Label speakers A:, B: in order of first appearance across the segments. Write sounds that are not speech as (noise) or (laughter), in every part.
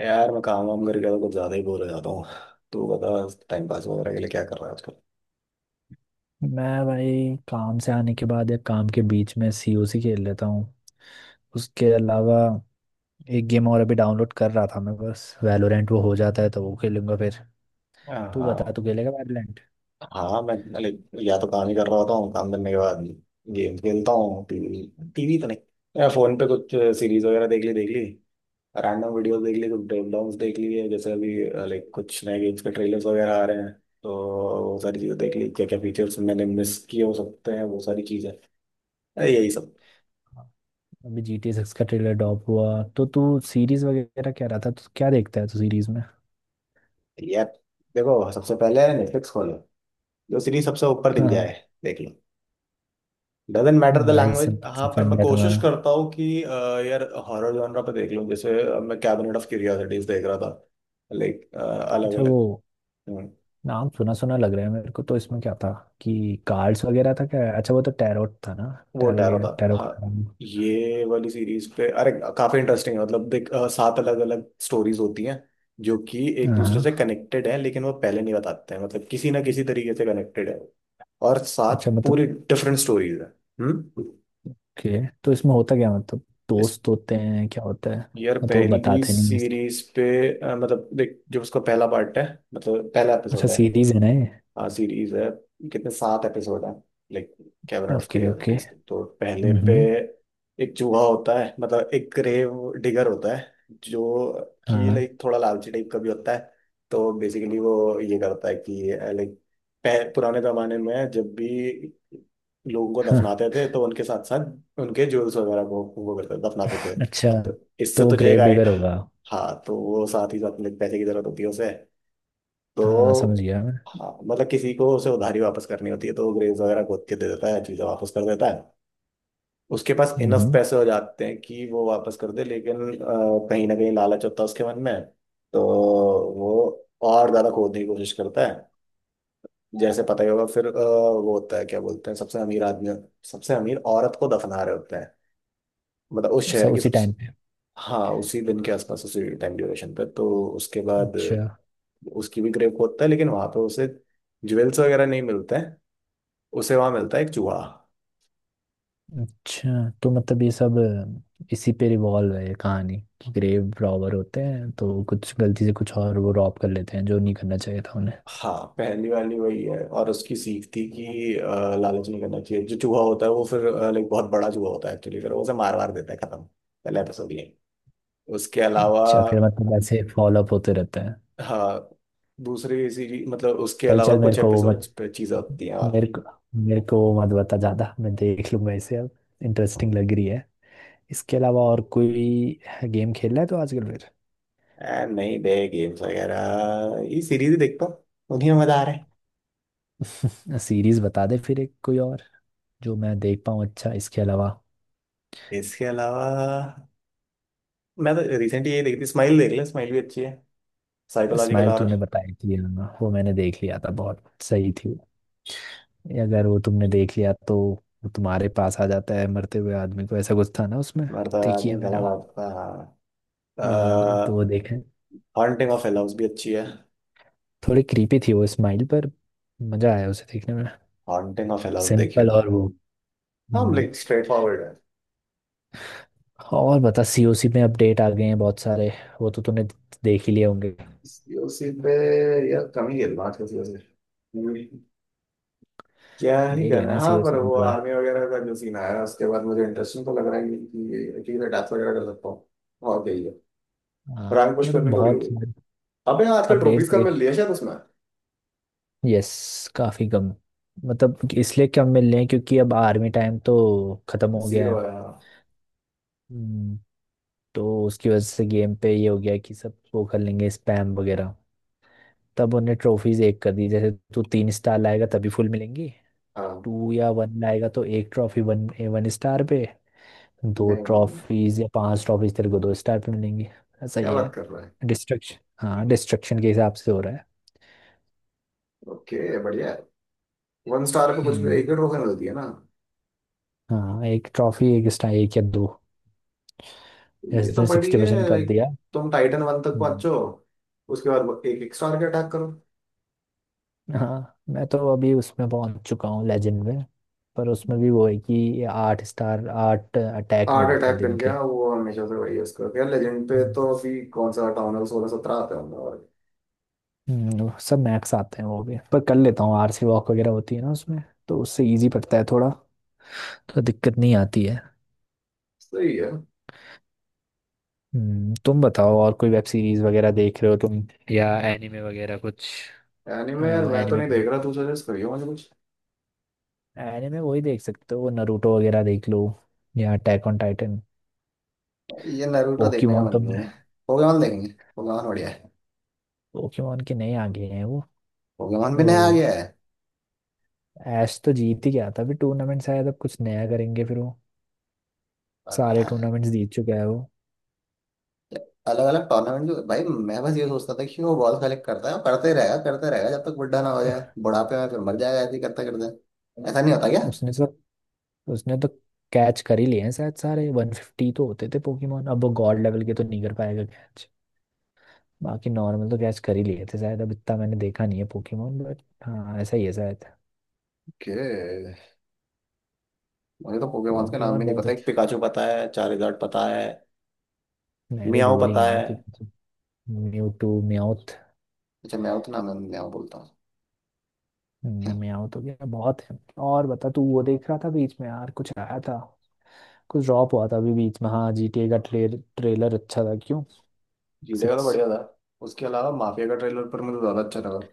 A: यार मैं काम वाम करके तो कुछ ज्यादा ही बोर हो जाता हूँ। तू बता। टाइम पास वगैरह के लिए क्या कर रहा है आजकल?
B: मैं भाई काम से आने के बाद या काम के बीच में सीओसी खेल लेता हूँ। उसके अलावा एक गेम और अभी डाउनलोड कर रहा था मैं, बस वैलोरेंट वो हो जाता है तो वो खेलूंगा फिर। तू बता,
A: हाँ।
B: तू खेलेगा वैलोरेंट?
A: हाँ, मैं लाइक या तो काम ही कर रहा होता हूँ, काम करने के बाद गेम खेलता हूँ। टीवी टीवी तो नहीं, या फोन पे कुछ सीरीज वगैरह देख ली देख ली। रैंडम वीडियोस देख ली, कुछ ब्रेकडाउंस देख लिए जैसे अभी। लाइक कुछ नए गेम्स के ट्रेलर्स वगैरह आ रहे हैं तो वो सारी चीजें देख ली, क्या क्या फीचर्स मैंने मिस किए हो सकते हैं वो सारी चीजें। यही सब।
B: अभी जी टी 6 का ट्रेलर ड्रॉप हुआ तो तू सीरीज वगैरह कह रहा था, तो क्या देखता है तू सीरीज में?
A: यार, देखो सबसे पहले नेटफ्लिक्स खोलो, जो सीरीज सबसे ऊपर दिख
B: हाँ,
A: जाए देख लो। डजेंट मैटर द
B: बड़ा ही
A: लैंग्वेज। हाँ,
B: सिंपल
A: पर मैं
B: फंड है
A: कोशिश
B: तुम्हारा।
A: करता हूँ कि यार हॉरर जॉनरा पे देख लूँ। जैसे मैं कैबिनेट ऑफ क्यूरियोसिटीज देख रहा था, लाइक अलग
B: अच्छा वो,
A: अलग।
B: नाम सुना सुना लग रहा है मेरे को, तो इसमें क्या था, कि कार्ड्स वगैरह था क्या? अच्छा वो तो टैरोट था ना?
A: वो
B: टैरो
A: टैरो
B: गेम,
A: था,
B: टैरो
A: हाँ।
B: कार्ड।
A: ये वाली सीरीज पे अरे काफी इंटरेस्टिंग है। मतलब देख, सात अलग अलग स्टोरीज होती हैं जो कि एक
B: हाँ
A: दूसरे से
B: हाँ।
A: कनेक्टेड हैं, लेकिन वो पहले नहीं बताते हैं। मतलब किसी ना किसी तरीके से कनेक्टेड है। और
B: अच्छा
A: सात
B: मतलब।
A: पूरी डिफरेंट स्टोरीज है। हम्म।
B: ओके, तो इसमें होता क्या, मतलब दोस्त होते हैं, क्या होता है?
A: यार
B: मतलब वो
A: पहली
B: बताते नहीं है इसको?
A: सीरीज पे मतलब देख, जो उसका पहला पार्ट है, मतलब पहला
B: अच्छा
A: एपिसोड है।
B: सीरीज है ना ये?
A: हाँ सीरीज है। कितने, सात एपिसोड है, like Cabinet of
B: okay okay.
A: Curiosities के। तो पहले पे
B: हम्म।
A: एक चूहा होता है, मतलब एक ग्रेव डिगर होता है जो कि
B: हाँ
A: लाइक थोड़ा लालची टाइप का भी होता है। तो बेसिकली वो ये करता है कि लाइक पुराने जमाने में जब भी लोगों को
B: हाँ।
A: दफनाते थे तो उनके साथ साथ उनके जूल्स वगैरह को वो करते दफनाते थे।
B: अच्छा
A: तो इससे
B: तो वो
A: तुझे एक
B: ग्रेव
A: आई।
B: डिगर होगा।
A: हाँ, तो वो साथ ही साथ लाइक पैसे की जरूरत होती है उसे।
B: हाँ समझ
A: तो
B: गया मैं।
A: हाँ, मतलब किसी को उसे उधारी वापस करनी होती है तो वो ग्रेव्स वगैरह खोद के दे देता है, चीज़ें वापस कर देता है। उसके पास इनफ
B: हम्म।
A: पैसे हो जाते हैं कि वो वापस कर दे, लेकिन कहीं ना कहीं लालच होता है उसके मन में। तो वो और ज़्यादा खोदने की कोशिश करता है। जैसे पता ही होगा, फिर वो होता है क्या बोलते हैं, सबसे अमीर आदमी, सबसे अमीर औरत को दफना रहे होते हैं, मतलब उस शहर
B: सब
A: की
B: उसी
A: सबसे।
B: टाइम पे?
A: हाँ, उसी दिन के आसपास, उसी टाइम ड्यूरेशन पे। तो उसके बाद
B: अच्छा।
A: उसकी भी क्रेप होता है लेकिन वहां पे उसे ज्वेल्स वगैरह नहीं मिलते हैं। उसे वहां मिलता है एक चूहा।
B: अच्छा तो मतलब ये सब इसी पे रिवॉल्व है ये कहानी, कि ग्रेव रॉबर होते हैं तो कुछ गलती से कुछ और वो रॉब कर लेते हैं जो नहीं करना चाहिए था उन्हें।
A: हाँ, पहली वाली वही है और उसकी सीख थी कि लालच नहीं करना चाहिए। जो चूहा होता है वो फिर लाइक बहुत बड़ा चूहा होता है एक्चुअली, फिर वो उसे मार मार देता है, खत्म। पहला एपिसोड ये। उसके अलावा
B: अच्छा फिर मतलब ऐसे फॉलो अप होते रहते हैं।
A: हाँ दूसरी सीरीज, मतलब उसके
B: चल
A: अलावा
B: चल,
A: कुछ एपिसोड्स पे चीजें होती हैं और।
B: मेरे को मेरे को वो मत बता ज्यादा, मैं देख लूंगा इसे अब। इंटरेस्टिंग लग रही है। इसके अलावा और कोई गेम खेल रहा है तो आजकल?
A: नहीं दे गेम्स वगैरह, ये सीरीज देखता हूँ, उन्हीं में मजा आ रहा है।
B: फिर (laughs) सीरीज बता दे फिर, एक कोई और जो मैं देख पाऊँ। अच्छा इसके अलावा।
A: इसके अलावा मैं तो रिसेंटली ये देखी थी, स्माइल। देख ले, स्माइल भी अच्छी है, साइकोलॉजिकल
B: स्माइल तूने
A: हॉरर।
B: बताई थी, हाँ, वो मैंने देख लिया था, बहुत सही थी वो। अगर वो तुमने देख लिया तो वो तुम्हारे पास आ जाता है मरते हुए आदमी को, ऐसा कुछ था ना उसमें?
A: मरता है
B: देखी है
A: आदमी,
B: मैंने
A: गला
B: वो।
A: दाबता है।
B: हाँ तो
A: हाँ।
B: वो देखें।
A: हॉन्टिंग ऑफ हिल हाउस भी अच्छी है।
B: थोड़ी क्रीपी थी वो स्माइल, पर मजा आया उसे देखने में।
A: हॉन्टिंग ऑफ हिल हाउस देखियो।
B: सिंपल और वो।
A: हाँ
B: हम्म।
A: लाइक स्ट्रेट फॉरवर्ड है।
B: और बता, सीओसी में अपडेट आ गए हैं बहुत सारे, वो तो तूने देख ही लिए होंगे।
A: सीओसी पे? यार कम ही खेलना आजकल सीओसी, क्या ही
B: देख
A: करना है।
B: लेना
A: हाँ पर
B: सीओसी एक
A: वो
B: बार।
A: आर्मी वगैरह का जो सीन आया उसके बाद मुझे इंटरेस्टिंग तो लग रहा है कि मैं डैथ वगैरह कर सकता हूँ। और क्या ही है।
B: हाँ
A: रैंक पुश
B: मतलब
A: करनी थोड़ी हो
B: बहुत।
A: गई। अबे आजकल
B: अपडेट्स
A: ट्रॉफीज का मिल
B: देख।
A: लिया शायद उसमें।
B: यस, काफी कम। मतलब कि इसलिए कम मिल रहे हैं क्योंकि अब आर्मी टाइम तो खत्म हो गया
A: जीरो
B: है।
A: है, हाँ।
B: हम्म। तो उसकी वजह से गेम पे ये हो गया कि सब वो कर लेंगे स्पैम वगैरह, तब उन्हें ट्रॉफीज एक कर दी, जैसे तू 3 स्टार लाएगा तभी फुल मिलेंगी।
A: हाँ।
B: टू या वन लाएगा तो एक ट्रॉफी, वन, वन स्टार पे। दो
A: नहीं,
B: ट्रॉफीज या पांच ट्रॉफीज तेरे को दो स्टार पे मिलेंगी। ऐसा
A: क्या
B: ही है।
A: बात कर रहा है।
B: डिस्ट्रक्शन। हाँ डिस्ट्रक्शन के हिसाब से हो रहा है।
A: ओके, बढ़िया है। वन स्टार पे कुछ भी
B: हम्म।
A: एक डेढ़ रोकने होती है ना।
B: हाँ एक ट्रॉफी एक स्टार, एक या दो,
A: ये
B: जैसे
A: तो
B: तुमने
A: बड़ी
B: 60%
A: है
B: कर
A: लाइक,
B: दिया।
A: तुम टाइटन वन तक
B: हम्म।
A: पहुंचो, उसके बाद एक एक स्टार के अटैक करो।
B: हाँ मैं तो अभी उसमें पहुंच चुका हूँ, लेजेंड में। पर उसमें भी वो है कि आठ स्टार, आठ अटैक
A: आठ
B: मिलते
A: अटैक
B: हैं
A: कर
B: दिन के।
A: गया वो, हमेशा से वही है उसका क्या। लेजेंड पे
B: हम्म।
A: तो अभी कौन सा हटाऊं है, 16 17 आते होंगे और।
B: वो सब मैक्स आते हैं वो भी, पर कर लेता हूँ, आरसी वॉक वगैरह होती है ना उसमें, तो उससे इजी पड़ता है थोड़ा, तो दिक्कत नहीं आती है।
A: सही है।
B: हम्म। तुम बताओ और कोई वेब सीरीज वगैरह देख रहे हो तुम, या एनिमे वगैरह कुछ?
A: एनीमे, यार मैं तो
B: एनिमे।
A: नहीं देख रहा, तू सजेस्ट करियो मुझे कुछ।
B: एनिमे वही देख सकते हो, नरूटो वगैरह देख लो, या अटैक ऑन टाइटन।
A: ये नारुतो देखने का
B: पोकेमोन
A: मन
B: तो।
A: नहीं है। पोकेमॉन देखेंगे। पोकेमॉन बढ़िया है।
B: पोकेमोन के नए आ गए हैं वो।
A: पोकेमॉन भी नया आ
B: तो
A: गया
B: ऐश तो जीत ही गया था अभी टूर्नामेंट, शायद अब कुछ नया करेंगे फिर वो। सारे
A: है।
B: टूर्नामेंट्स जीत चुका है वो।
A: अलग अलग टूर्नामेंट जो भाई, मैं बस ये सोचता था कि वो बॉल कलेक्ट करता है और करते ही रहेगा, करते रहेगा, जब तक बुढ़ा ना हो जाए, बुढ़ापे में फिर मर जाएगा ऐसे ही करते करते। ऐसा नहीं होता क्या?
B: उसने तो उसने तो कैच कर ही लिए हैं शायद सारे। 150 तो होते थे पोकेमोन, अब वो गॉड लेवल के तो नहीं कर पाएगा। बाकी नॉर्मल तो गैस कर ही लिए थे शायद, अब इतना मैंने देखा नहीं है पोकेमोन, बट हाँ ऐसा ही है शायद।
A: ओके। मुझे तो पोकेमॉन्स के नाम
B: पोकेमोन
A: भी नहीं
B: बहुत
A: पता। एक
B: अच्छा।
A: पिकाचू पता है, चारिज़ार्ड पता है।
B: मैं भी
A: मियाओ
B: भूल ही
A: पता
B: गया
A: है।
B: हूँ। Mewtwo mouth.
A: अच्छा मियाओ तो नाम है, मियाओ बोलता हूँ।
B: म्याउथ हो गया बहुत है। और बता, तू वो देख रहा था बीच में यार, कुछ आया था, कुछ ड्रॉप हुआ था अभी बीच में। हाँ जीटीए का ट्रेलर अच्छा था क्यों?
A: जीडे का तो
B: 6।
A: बढ़िया था। उसके अलावा माफिया का ट्रेलर पर मुझे तो ज्यादा अच्छा लगा।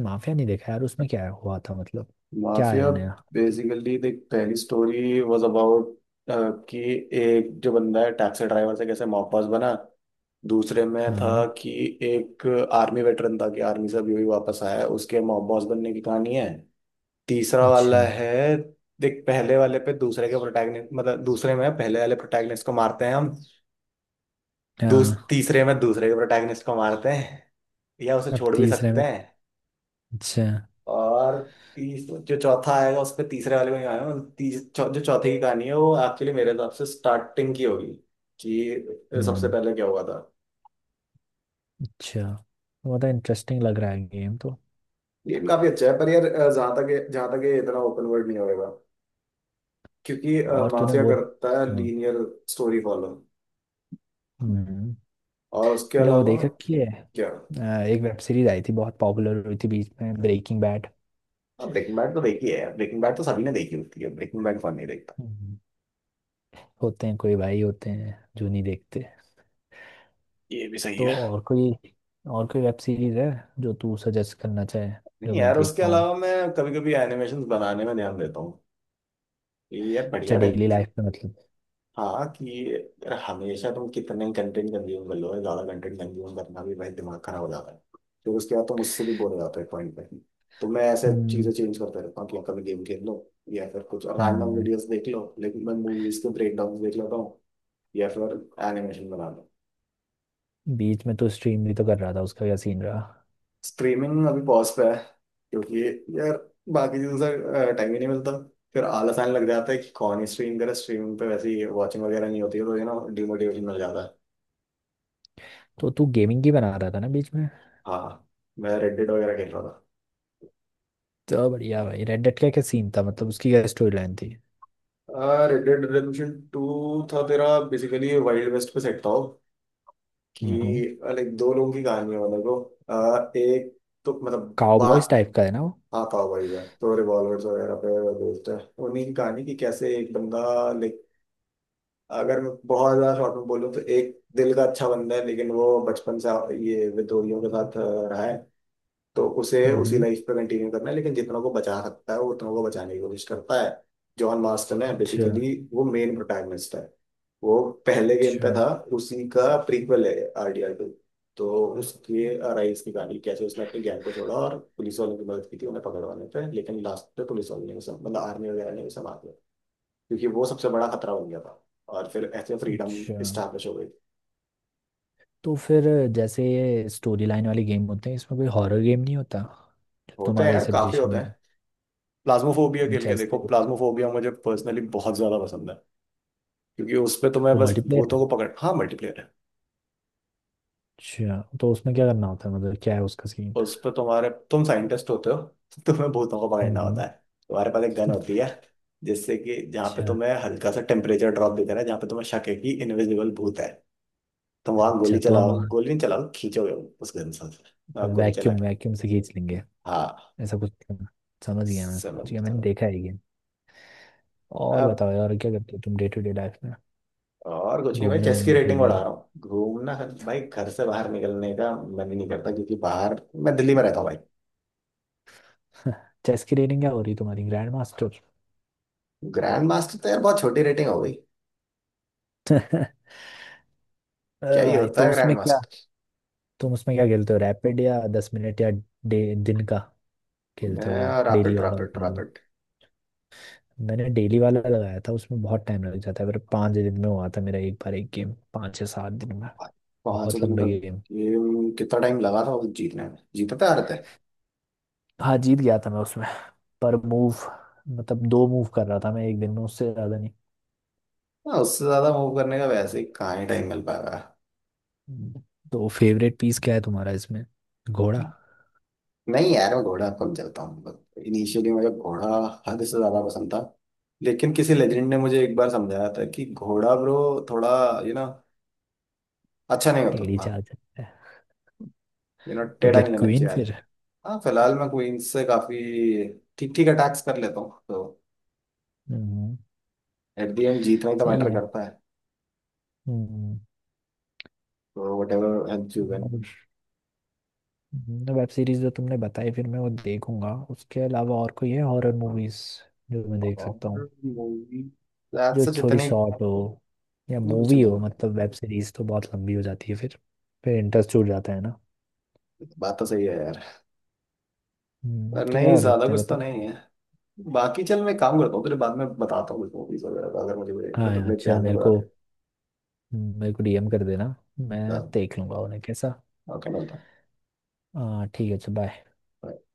B: माफिया नहीं देखा यार, उसमें क्या हुआ था मतलब, क्या
A: माफिया,
B: आया नया?
A: बेसिकली देख, पहली स्टोरी वाज अबाउट कि एक जो बंदा है, टैक्सी ड्राइवर से कैसे मॉब बॉस बना। दूसरे में था
B: हाँ।
A: कि एक आर्मी वेटरन था, कि आर्मी से अभी अभी वापस आया है, उसके मॉब बॉस बनने की कहानी है। तीसरा वाला
B: अच्छा।
A: है, देख पहले वाले पे दूसरे के प्रोटैगनिस्ट, मतलब दूसरे में पहले वाले प्रोटैगनिस्ट को मारते हैं हम। दूस
B: हाँ।
A: तीसरे में दूसरे के प्रोटैगनिस्ट को मारते हैं, या उसे
B: अब
A: छोड़ भी
B: तीसरे
A: सकते
B: में।
A: हैं।
B: अच्छा।
A: और तीस जो चौथा आएगा उसपे तीसरे वाले में ही आएगा। जो चौथे की कहानी है वो एक्चुअली मेरे हिसाब से स्टार्टिंग की होगी, कि सबसे
B: हम्म।
A: पहले क्या हुआ था।
B: अच्छा। बहुत इंटरेस्टिंग लग रहा है गेम तो।
A: गेम काफी अच्छा है पर यार जहां तक ये इतना ओपन वर्ल्ड नहीं होएगा क्योंकि
B: और तूने
A: माफिया
B: वो।
A: करता है
B: हाँ।
A: Linear story follow.
B: हम्म,
A: और उसके
B: तूने वो
A: अलावा
B: देख रखी है,
A: क्या।
B: अ, एक वेब सीरीज आई थी बहुत पॉपुलर हुई थी बीच में, ब्रेकिंग बैड।
A: ब्रेकिंग बैड तो देखी है। ब्रेकिंग बैड तो सभी ने देखी होती है, ब्रेकिंग बैड कौन नहीं देखता।
B: होते हैं, कोई भाई होते हैं जो नहीं देखते।
A: ये भी सही
B: तो
A: है।
B: और कोई, और कोई वेब सीरीज है जो तू सजेस्ट करना चाहे, जो
A: नहीं
B: मैं
A: यार,
B: देख
A: उसके
B: पाऊँ?
A: अलावा मैं कभी कभी एनिमेशन बनाने में ध्यान देता हूँ, ये यार
B: अच्छा
A: बढ़िया टाइम।
B: डेली लाइफ में मतलब।
A: हाँ, कि यार हमेशा तुम कितने कंटेंट कंज्यूम कर लो, ज्यादा कंटेंट कंज्यूम करना भी भाई दिमाग खराब हो जाता है। तो उसके बाद तुम उससे भी बोर हो जाते हो एक पॉइंट पे। तो मैं ऐसे चीजें
B: हम्म।
A: चेंज करता रहता हूँ, कि कभी गेम खेल लो, या फिर कुछ रैंडम
B: हम्म।
A: वीडियोस देख लो, लेकिन मैं मूवीज के ब्रेक डाउन देख लेता हूँ, या फिर एनिमेशन बना लो।
B: बीच में तो स्ट्रीम भी तो कर रहा था, उसका क्या सीन रहा?
A: स्ट्रीमिंग अभी पॉज पे है, क्योंकि यार बाकी चीजों से टाइम ही नहीं मिलता। फिर आलस आने लग जाता है कि कौन ही स्ट्रीम करे, स्ट्रीमिंग पे वैसे ही वॉचिंग वगैरह नहीं होती है तो यू नो डिमोटिवेशन मिल जाता है।
B: तो तू गेमिंग की बना रहा था ना बीच में?
A: हाँ, मैं रेड डेड वगैरह खेल रहा
B: तो बढ़िया भाई, रेड डेड का क्या सीन था, मतलब उसकी क्या स्टोरी लाइन थी?
A: था। रेड डेड रिडेम्पशन टू था तेरा। बेसिकली वाइल्ड वेस्ट पे सेट था वो,
B: हम्म।
A: कि लाइक दो लोगों की कहानी है, मतलब वो एक, तो मतलब बड़ा
B: काउबॉयज टाइप का है ना?
A: आता हुआ ही है तो रिवॉल्वर्स वगैरह पे बेस्ड है। उन्हीं की कहानी, कि कैसे एक बंदा, लाइक, अगर मैं बहुत ज्यादा शॉर्ट में बोलूँ तो, एक दिल का अच्छा बंदा है लेकिन वो बचपन से ये विद्रोहियों के साथ रहा है। तो उसे उसी
B: हम्म।
A: लाइफ पे कंटिन्यू करना है, लेकिन जितना को बचा सकता है वो उतना को बचाने की कोशिश करता है। जॉन मार्स्टन है
B: अच्छा।
A: बेसिकली, वो मेन प्रोटैगनिस्ट है। वो पहले गेम पे
B: अच्छा।
A: था, उसी का प्रीक्वल है RDR 2। तो उसके राइज की कहानी, कैसे उसने अपने गैंग को छोड़ा और पुलिस वालों की मदद की थी उन्हें पकड़वाने पे, लेकिन लास्ट पे पुलिस वालों ने उसे, मतलब आर्मी वगैरह ने उसे मार दिया, क्योंकि वो सबसे बड़ा खतरा बन गया था। और फिर ऐसे फ्रीडम
B: अच्छा।
A: स्टैब्लिश हो गई।
B: तो फिर जैसे ये स्टोरी लाइन वाले गेम होते हैं, इसमें कोई हॉरर गेम नहीं होता जो
A: होते हैं
B: तुम्हारे
A: यार, काफी
B: सजेशन
A: होते
B: में
A: हैं।
B: हो?
A: प्लाज्मोफोबिया खेल के देखो,
B: जैसे।
A: प्लाज्मोफोबिया मुझे पर्सनली बहुत ज्यादा पसंद है, क्योंकि उस पे तुम्हें
B: वो
A: बस
B: मल्टीप्लेयर है?
A: भूतों को पकड़। हाँ, मल्टीप्लेयर है।
B: अच्छा तो उसमें क्या करना होता है, मतलब क्या है उसका सीन?
A: उस पे तुम साइंटिस्ट होते हो, तो तुम्हें भूतों को पकड़ना होता
B: हम्म।
A: है। तुम्हारे पास एक गन होती है, जिससे कि जहाँ पे
B: अच्छा।
A: तुम्हें हल्का सा टेम्परेचर ड्रॉप दे देना है, जहाँ पे तुम्हें शक है कि इनविजिबल भूत है, तुम वहां गोली
B: अच्छा, तो हम
A: चलाओ,
B: वहाँ
A: गोली नहीं चलाओ, खींचोगे उस गन से। आप गोली चला
B: वैक्यूम,
A: के।
B: वैक्यूम से खींच लेंगे,
A: हाँ।
B: ऐसा कुछ करना। समझ गया मैं,
A: समझ
B: समझ गया, मैंने
A: चलो।
B: देखा है ये। और
A: अब
B: बताओ यार, क्या करते हो तुम डे टू डे लाइफ में?
A: और कुछ नहीं भाई,
B: घूमने,
A: चेस की
B: घूमने
A: रेटिंग
B: कहीं?
A: बढ़ा रहा हूँ। घूमना, भाई घर से बाहर निकलने का मन ही नहीं करता, क्योंकि बाहर, मैं दिल्ली में रहता हूँ भाई।
B: (laughs) चेस की रेटिंग क्या हो रही है तुम्हारी, ग्रैंड मास्टर?
A: ग्रैंड मास्टर तो यार बहुत छोटी रेटिंग हो गई।
B: (laughs)
A: क्या ही
B: भाई
A: होता
B: तो
A: है ग्रैंड
B: उसमें क्या,
A: मास्टर।
B: तुम उसमें क्या खेलते हो, रैपिड या 10 मिनट, या दिन का खेलते हो
A: मैं
B: वो, डेली
A: रैपिड
B: वाला
A: रैपिड
B: मतलब?
A: रैपिड।
B: मैंने डेली वाला लगाया था, उसमें बहुत टाइम लग जाता है। मेरे 5 दिन में हुआ था मेरा एक बार एक गेम, 5 या 7 दिन में।
A: पांच
B: बहुत
A: दिन का?
B: लंबे गेम।
A: गेम कितना टाइम लगा था उसे जीतने में, जीतते आ रहे थे।
B: हाँ जीत गया था मैं उसमें। पर मूव, मतलब दो मूव कर रहा था मैं एक दिन में, उससे ज्यादा नहीं।
A: हाँ, उससे ज्यादा मूव करने का वैसे ही कहाँ ही टाइम मिल पाएगा।
B: हम्म। तो फेवरेट पीस क्या है तुम्हारा इसमें, घोड़ा?
A: नहीं यार, मैं घोड़ा कम चलता हूँ। इनिशियली मुझे घोड़ा हद से ज्यादा पसंद था, लेकिन किसी लेजेंड ने मुझे एक बार समझाया था कि घोड़ा ब्रो, थोड़ा, यू नो, अच्छा नहीं होता
B: टेढ़ी
A: उतना।
B: चाल चलता है।
A: यू नो,
B: तो
A: टेढ़ा
B: क्या
A: नहीं लेना
B: क्वीन
A: चाहिए
B: फिर?
A: आदमी। हाँ फिलहाल मैं क्वींस से काफी ठीक ठीक अटैक्स कर लेता हूँ, तो
B: हम्म।
A: एट द एंड जीतना ही तो
B: सही
A: मैटर
B: है।
A: करता,
B: hmm.
A: or whatever else you win।
B: और। तो वेब सीरीज जो तुमने बताई फिर मैं वो देखूंगा, उसके अलावा और कोई है हॉरर मूवीज जो मैं देख सकता हूँ,
A: और मूवी, रात
B: जो
A: से
B: थोड़ी
A: जितने
B: शॉर्ट हो, या
A: इतनी कुछ
B: मूवी
A: नहीं
B: हो,
A: है।
B: मतलब वेब सीरीज तो बहुत लंबी हो जाती है फिर इंटरेस्ट छूट जाता है ना।
A: बात तो सही है यार। पर
B: तो क्या
A: नहीं,
B: कर
A: ज्यादा
B: सकते हैं
A: कुछ तो
B: बताओ?
A: नहीं है। बाकी चल मैं काम करता हूँ तेरे, बाद में बताता हूँ कुछ मूवीज वगैरह का, अगर मुझे कोई-
B: हाँ
A: मतलब
B: यार
A: मेरे
B: चल,
A: ध्यान में,
B: मेरे को
A: बताते।
B: मेरे को डीएम कर देना, मैं देख लूंगा उन्हें कैसा।
A: ओके, मिलता
B: हाँ ठीक है, अच्छा बाय।
A: हूँ।